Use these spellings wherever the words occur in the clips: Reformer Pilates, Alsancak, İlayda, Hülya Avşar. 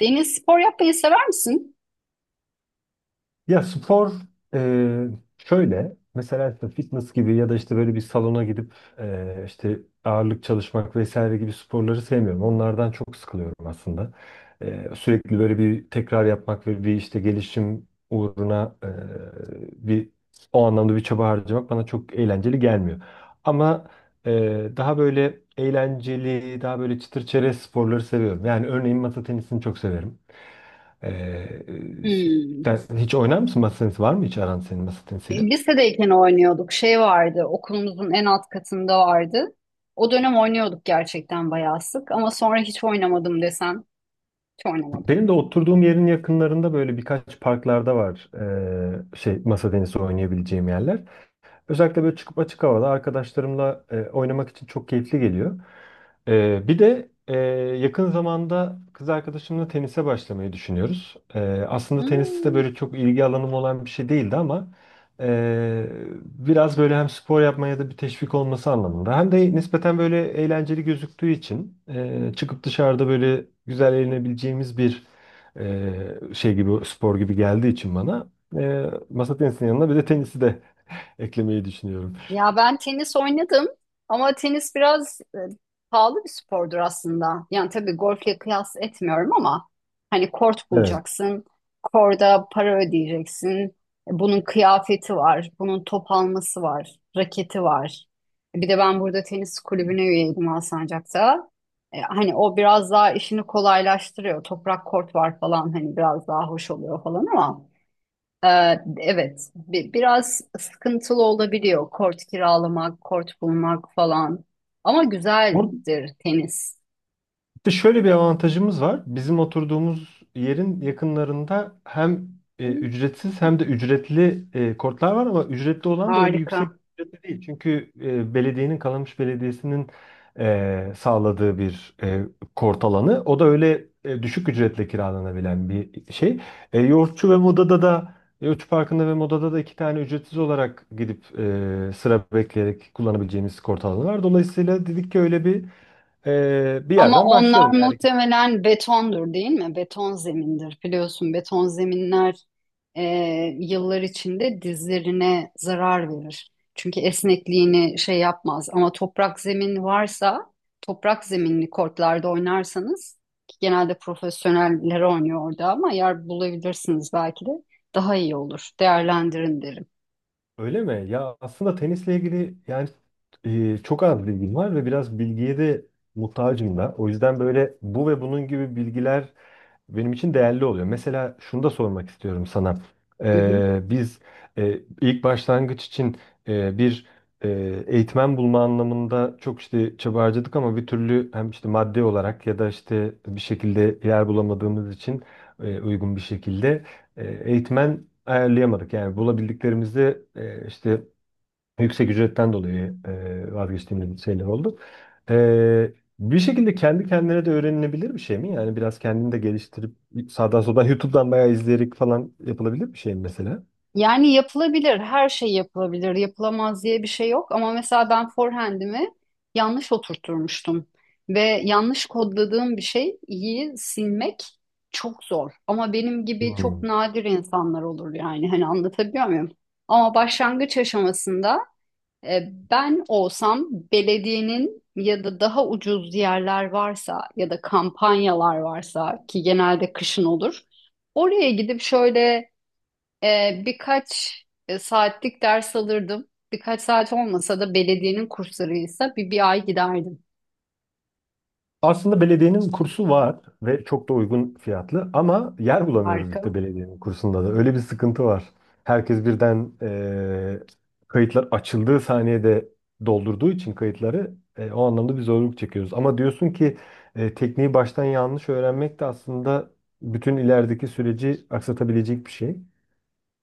Deniz spor yapmayı sever misin? Ya spor e, şöyle mesela işte fitness gibi ya da işte böyle bir salona gidip işte ağırlık çalışmak vesaire gibi sporları sevmiyorum. Onlardan çok sıkılıyorum aslında. Sürekli böyle bir tekrar yapmak ve bir işte gelişim uğruna bir o anlamda bir çaba harcamak bana çok eğlenceli gelmiyor. Ama e, daha böyle eğlenceli, daha böyle çıtır çerez sporları seviyorum. Yani örneğin masa tenisini çok severim. Ee, Hmm. sen hiç oynar mısın masa tenisi? Var mı hiç aran senin masa tenisiyle? Lisedeyken oynuyorduk. Şey vardı, okulumuzun en alt katında vardı. O dönem oynuyorduk gerçekten bayağı sık ama sonra hiç oynamadım desen, hiç oynamadım. Benim de oturduğum yerin yakınlarında böyle birkaç parklarda var şey masa tenisi oynayabileceğim yerler. Özellikle böyle çıkıp açık havada arkadaşlarımla oynamak için çok keyifli geliyor. E, bir de yakın zamanda kız arkadaşımla tenise başlamayı düşünüyoruz. Aslında tenis de Hmm. böyle çok ilgi alanım olan bir şey değildi ama e, biraz böyle hem spor yapmaya da bir teşvik olması anlamında hem de nispeten böyle eğlenceli gözüktüğü için çıkıp dışarıda böyle güzel eğlenebileceğimiz bir e, şey gibi spor gibi geldiği için bana masa tenisinin yanına bir de tenisi de eklemeyi düşünüyorum. Ya ben tenis oynadım ama tenis biraz pahalı bir spordur aslında. Yani tabii golfle kıyas etmiyorum ama hani kort Evet. bulacaksın, korda para ödeyeceksin. Bunun kıyafeti var, bunun top alması var, raketi var. Bir de ben burada tenis kulübüne üyeydim Alsancak'ta. Hani o biraz daha işini kolaylaştırıyor. Toprak kort var falan hani biraz daha hoş oluyor falan ama. Ee, evet, biraz sıkıntılı olabiliyor kort kiralamak, kort bulmak falan. Ama Or- güzeldir tenis. Bir de şöyle bir avantajımız var. Bizim oturduğumuz yerin yakınlarında hem ücretsiz hem de ücretli kortlar var ama ücretli olan da öyle Harika. yüksek ücretli değil. Çünkü belediyenin Kalamış Belediyesi'nin sağladığı bir kort alanı. O da öyle düşük ücretle kiralanabilen bir şey. E, Yoğurtçu ve Moda'da da Yoğurtçu Parkı'nda ve Moda'da da iki tane ücretsiz olarak gidip sıra bekleyerek kullanabileceğimiz kort alanı var. Dolayısıyla dedik ki öyle bir bir Ama yerden onlar başlayalım yani. muhtemelen betondur değil mi? Beton zemindir. Biliyorsun beton zeminler e, yıllar içinde dizlerine zarar verir. Çünkü esnekliğini şey yapmaz. Ama toprak zemin varsa, toprak zeminli kortlarda oynarsanız, ki genelde profesyoneller oynuyor orada ama yer bulabilirsiniz belki de, daha iyi olur. Değerlendirin derim. Öyle mi? Ya aslında tenisle ilgili yani çok az bilgim var ve biraz bilgiye de muhtacım da. O yüzden böyle bu ve bunun gibi bilgiler benim için değerli oluyor. Mesela şunu da sormak istiyorum sana. Biz ilk başlangıç için bir e, eğitmen bulma anlamında çok işte çaba harcadık ama bir türlü hem işte maddi olarak ya da işte bir şekilde yer bulamadığımız için uygun bir şekilde eğitmen ayarlayamadık. Yani bulabildiklerimizde işte yüksek ücretten dolayı vazgeçtiğimiz şeyler oldu. E, Bir şekilde kendi kendine de öğrenilebilir bir şey mi? Yani biraz kendini de geliştirip sağdan soldan YouTube'dan bayağı izleyerek falan yapılabilir bir şey mi mesela? Yani yapılabilir, her şey yapılabilir. Yapılamaz diye bir şey yok ama mesela ben forehand'imi yanlış oturtturmuştum ve yanlış kodladığım bir şey iyi silmek çok zor. Ama benim gibi çok Hmm. nadir insanlar olur yani hani anlatabiliyor muyum? Ama başlangıç aşamasında e, ben olsam belediyenin ya da daha ucuz yerler varsa ya da kampanyalar varsa ki genelde kışın olur. Oraya gidip şöyle birkaç saatlik ders alırdım. Birkaç saat olmasa da belediyenin kurslarıysa bir ay giderdim Aslında belediyenin kursu var ve çok da uygun fiyatlı ama yer bulamıyoruz arka. işte belediyenin kursunda da. Öyle bir sıkıntı var. Herkes birden kayıtlar açıldığı saniyede doldurduğu için kayıtları o anlamda bir zorluk çekiyoruz. Ama diyorsun ki tekniği baştan yanlış öğrenmek de aslında bütün ilerideki süreci aksatabilecek bir şey.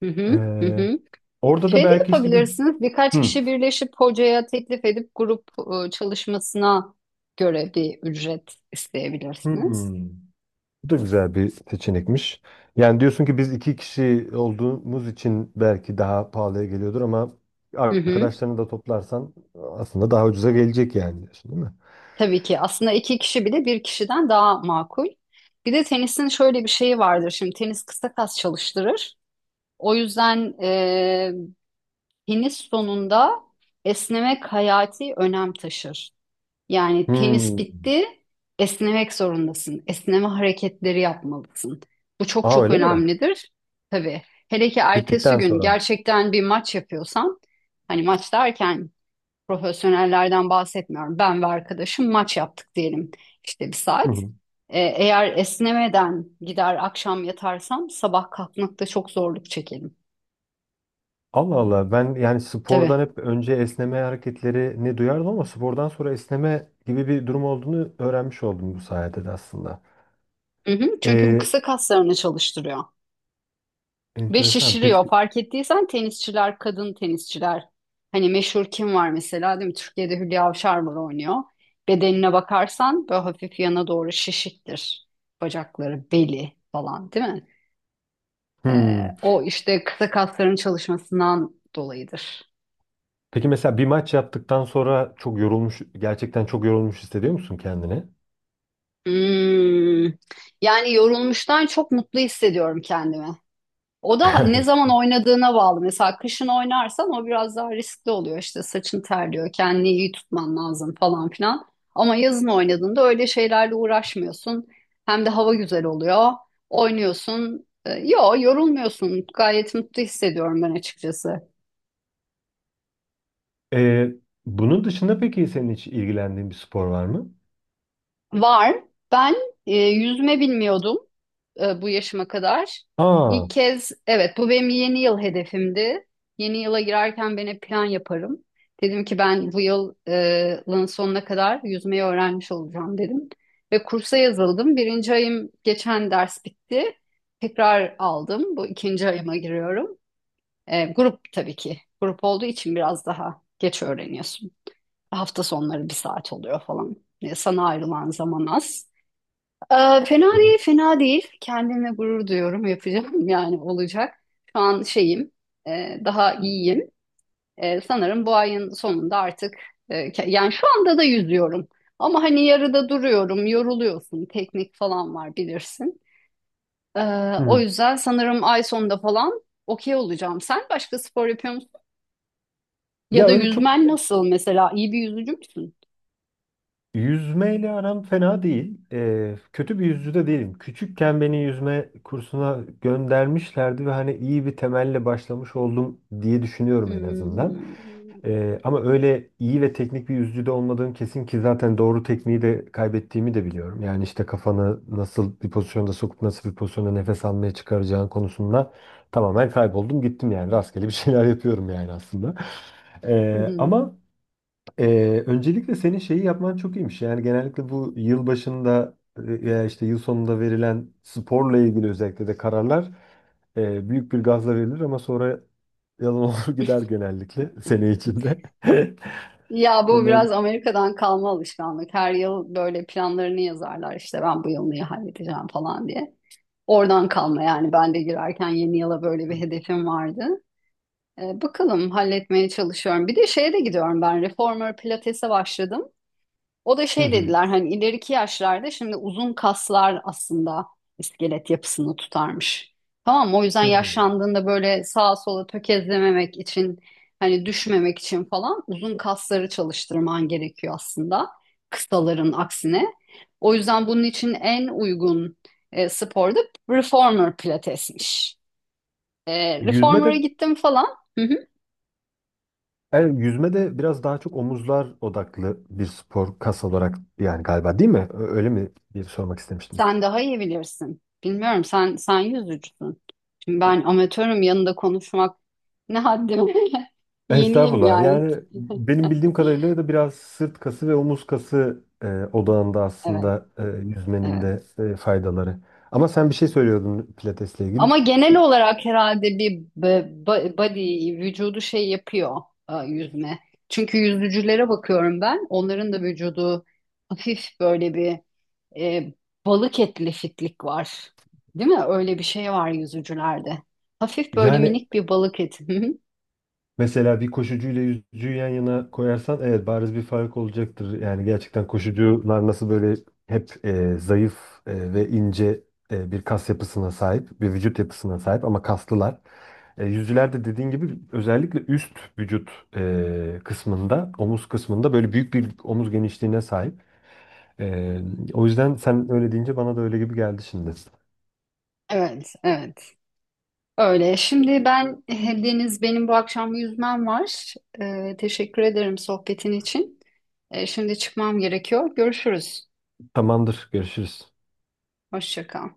Hı hı, hı Eee, hı. orada da Şey de belki işte bir. yapabilirsiniz. Birkaç Hmm. kişi birleşip hocaya teklif edip grup çalışmasına göre bir ücret isteyebilirsiniz. Hmm. Bu da güzel bir seçenekmiş. Yani diyorsun ki biz iki kişi olduğumuz için belki daha pahalıya geliyordur ama Hı hı. arkadaşlarını da toplarsan aslında daha ucuza gelecek yani diyorsun değil mi? Tabii ki aslında iki kişi bile bir kişiden daha makul. Bir de tenisin şöyle bir şeyi vardır. Şimdi tenis kısa kas çalıştırır. O yüzden tenis sonunda esnemek hayati önem taşır. Yani tenis Hmm. bitti, esnemek zorundasın. Esneme hareketleri yapmalısın. Bu çok Aa çok öyle mi? önemlidir. Tabii. Hele ki ertesi Bittikten gün sonra. gerçekten bir maç yapıyorsan, hani maç derken profesyonellerden bahsetmiyorum. Ben ve arkadaşım maç yaptık diyelim işte bir Hı saat. hı. Eğer esnemeden gider akşam yatarsam sabah kalkmakta çok zorluk çekerim. Allah Allah, ben yani spordan Tabii. hep önce esneme hareketleri ne duyardım ama spordan sonra esneme gibi bir durum olduğunu öğrenmiş oldum bu sayede de aslında. Hı hı, çünkü bu Ee, kısa kaslarını çalıştırıyor ve enteresan. şişiriyor. Peki. Fark ettiysen tenisçiler, kadın tenisçiler. Hani meşhur kim var mesela değil mi? Türkiye'de Hülya Avşar var oynuyor. Bedenine bakarsan böyle hafif yana doğru şişiktir. Bacakları, beli falan değil mi? Hmm. O işte kısa kasların çalışmasından dolayıdır. Peki mesela bir maç yaptıktan sonra çok yorulmuş, gerçekten çok yorulmuş hissediyor musun kendini? Hmm, Yani yorulmuştan çok mutlu hissediyorum kendimi. O da ne zaman oynadığına bağlı. Mesela kışın oynarsan o biraz daha riskli oluyor. İşte saçın terliyor, kendini iyi tutman lazım falan filan. Ama yazın oynadığında öyle şeylerle uğraşmıyorsun. Hem de hava güzel oluyor. Oynuyorsun. Yo yorulmuyorsun. Gayet mutlu hissediyorum ben açıkçası. Ee, bunun dışında peki senin hiç ilgilendiğin bir spor var mı? Var. Ben yüzme bilmiyordum bu yaşıma kadar. Aa. İlk kez evet bu benim yeni yıl hedefimdi. Yeni yıla girerken ben hep plan yaparım. Dedim ki ben bu yıl, yılın sonuna kadar yüzmeyi öğrenmiş olacağım dedim. Ve kursa yazıldım. Birinci ayım geçen ders bitti. Tekrar aldım. Bu ikinci ayıma giriyorum. E, grup tabii ki. Grup olduğu için biraz daha geç öğreniyorsun. Hafta sonları bir saat oluyor falan. E, sana ayrılan zaman az. Fena Hı değil, fena değil. Kendimle gurur duyuyorum, yapacağım yani olacak. Şu an şeyim, daha iyiyim. E, sanırım bu ayın sonunda artık, yani şu anda da yüzüyorum. Ama hani yarıda duruyorum, yoruluyorsun, teknik falan var bilirsin. O hı. yüzden sanırım ay sonunda falan okey olacağım. Sen başka spor yapıyor musun? Ya Ya da öyle çok yüzmen nasıl mesela? İyi bir yüzücü müsün? yüzmeyle aram fena değil. Kötü bir yüzücü de değilim. Küçükken beni yüzme kursuna göndermişlerdi ve hani iyi bir temelle başlamış oldum diye düşünüyorum en azından. Hmm. Ama öyle iyi ve teknik bir yüzücü de olmadığım kesin ki zaten doğru tekniği de kaybettiğimi de biliyorum. Yani işte kafanı nasıl bir pozisyonda sokup nasıl bir pozisyonda nefes almaya çıkaracağın konusunda tamamen kayboldum gittim yani rastgele bir şeyler yapıyorum yani aslında. Ama öncelikle senin şeyi yapman çok iyiymiş. Yani genellikle bu yıl başında veya işte yıl sonunda verilen sporla ilgili özellikle de kararlar büyük bir gazla verilir ama sonra yalan olur gider genellikle sene içinde. Ya bu Onlar. biraz Amerika'dan kalma alışkanlık. Her yıl böyle planlarını yazarlar işte ben bu yıl neyi halledeceğim falan diye. Oradan kalma yani ben de girerken yeni yıla böyle bir hedefim vardı. Bakalım halletmeye çalışıyorum. Bir de şeye de gidiyorum ben Reformer Pilates'e başladım. O da Hı şey hı. dediler hani ileriki yaşlarda şimdi uzun kaslar aslında iskelet yapısını tutarmış. Tamam mı? O yüzden Hı. yaşlandığında böyle sağa sola tökezlememek için hani düşmemek için falan uzun kasları çalıştırman gerekiyor aslında kısaların aksine. O yüzden bunun için en uygun spor da reformer pilatesmiş. E, Yüzme reformer'a de gittim falan. Hı hı. yüzme de biraz daha çok omuzlar odaklı bir spor kas olarak yani galiba değil mi? Öyle mi diye sormak istemiştim. Sen daha iyi bilirsin. Bilmiyorum sen yüzücüsün. Şimdi ben amatörüm yanında konuşmak ne haddime. Yeniyim Estağfurullah. yani. Yani benim bildiğim kadarıyla da biraz sırt kası ve omuz kası odağında Evet, aslında yüzmenin evet. de faydaları. Ama sen bir şey söylüyordun pilatesle ilgili. Ama genel olarak herhalde bir body vücudu şey yapıyor yüzme. Çünkü yüzücülere bakıyorum ben. Onların da vücudu hafif böyle bir e, balık etli fitlik var. Değil mi? Öyle bir şey var yüzücülerde. Hafif böyle Yani minik bir balık eti. mesela bir koşucuyla yüzücüyü yan yana koyarsan evet bariz bir fark olacaktır. Yani gerçekten koşucular nasıl böyle hep zayıf ve ince bir kas yapısına sahip, bir vücut yapısına sahip ama kaslılar. E, yüzülerde dediğin gibi özellikle üst vücut kısmında, omuz kısmında böyle büyük bir omuz genişliğine sahip. E, o yüzden sen öyle deyince bana da öyle gibi geldi şimdi. Evet, evet. Öyle. Şimdi ben Deniz benim bu akşam yüzmem var. Teşekkür ederim sohbetin için. Şimdi çıkmam gerekiyor. Görüşürüz. Tamamdır, görüşürüz. Hoşça kal.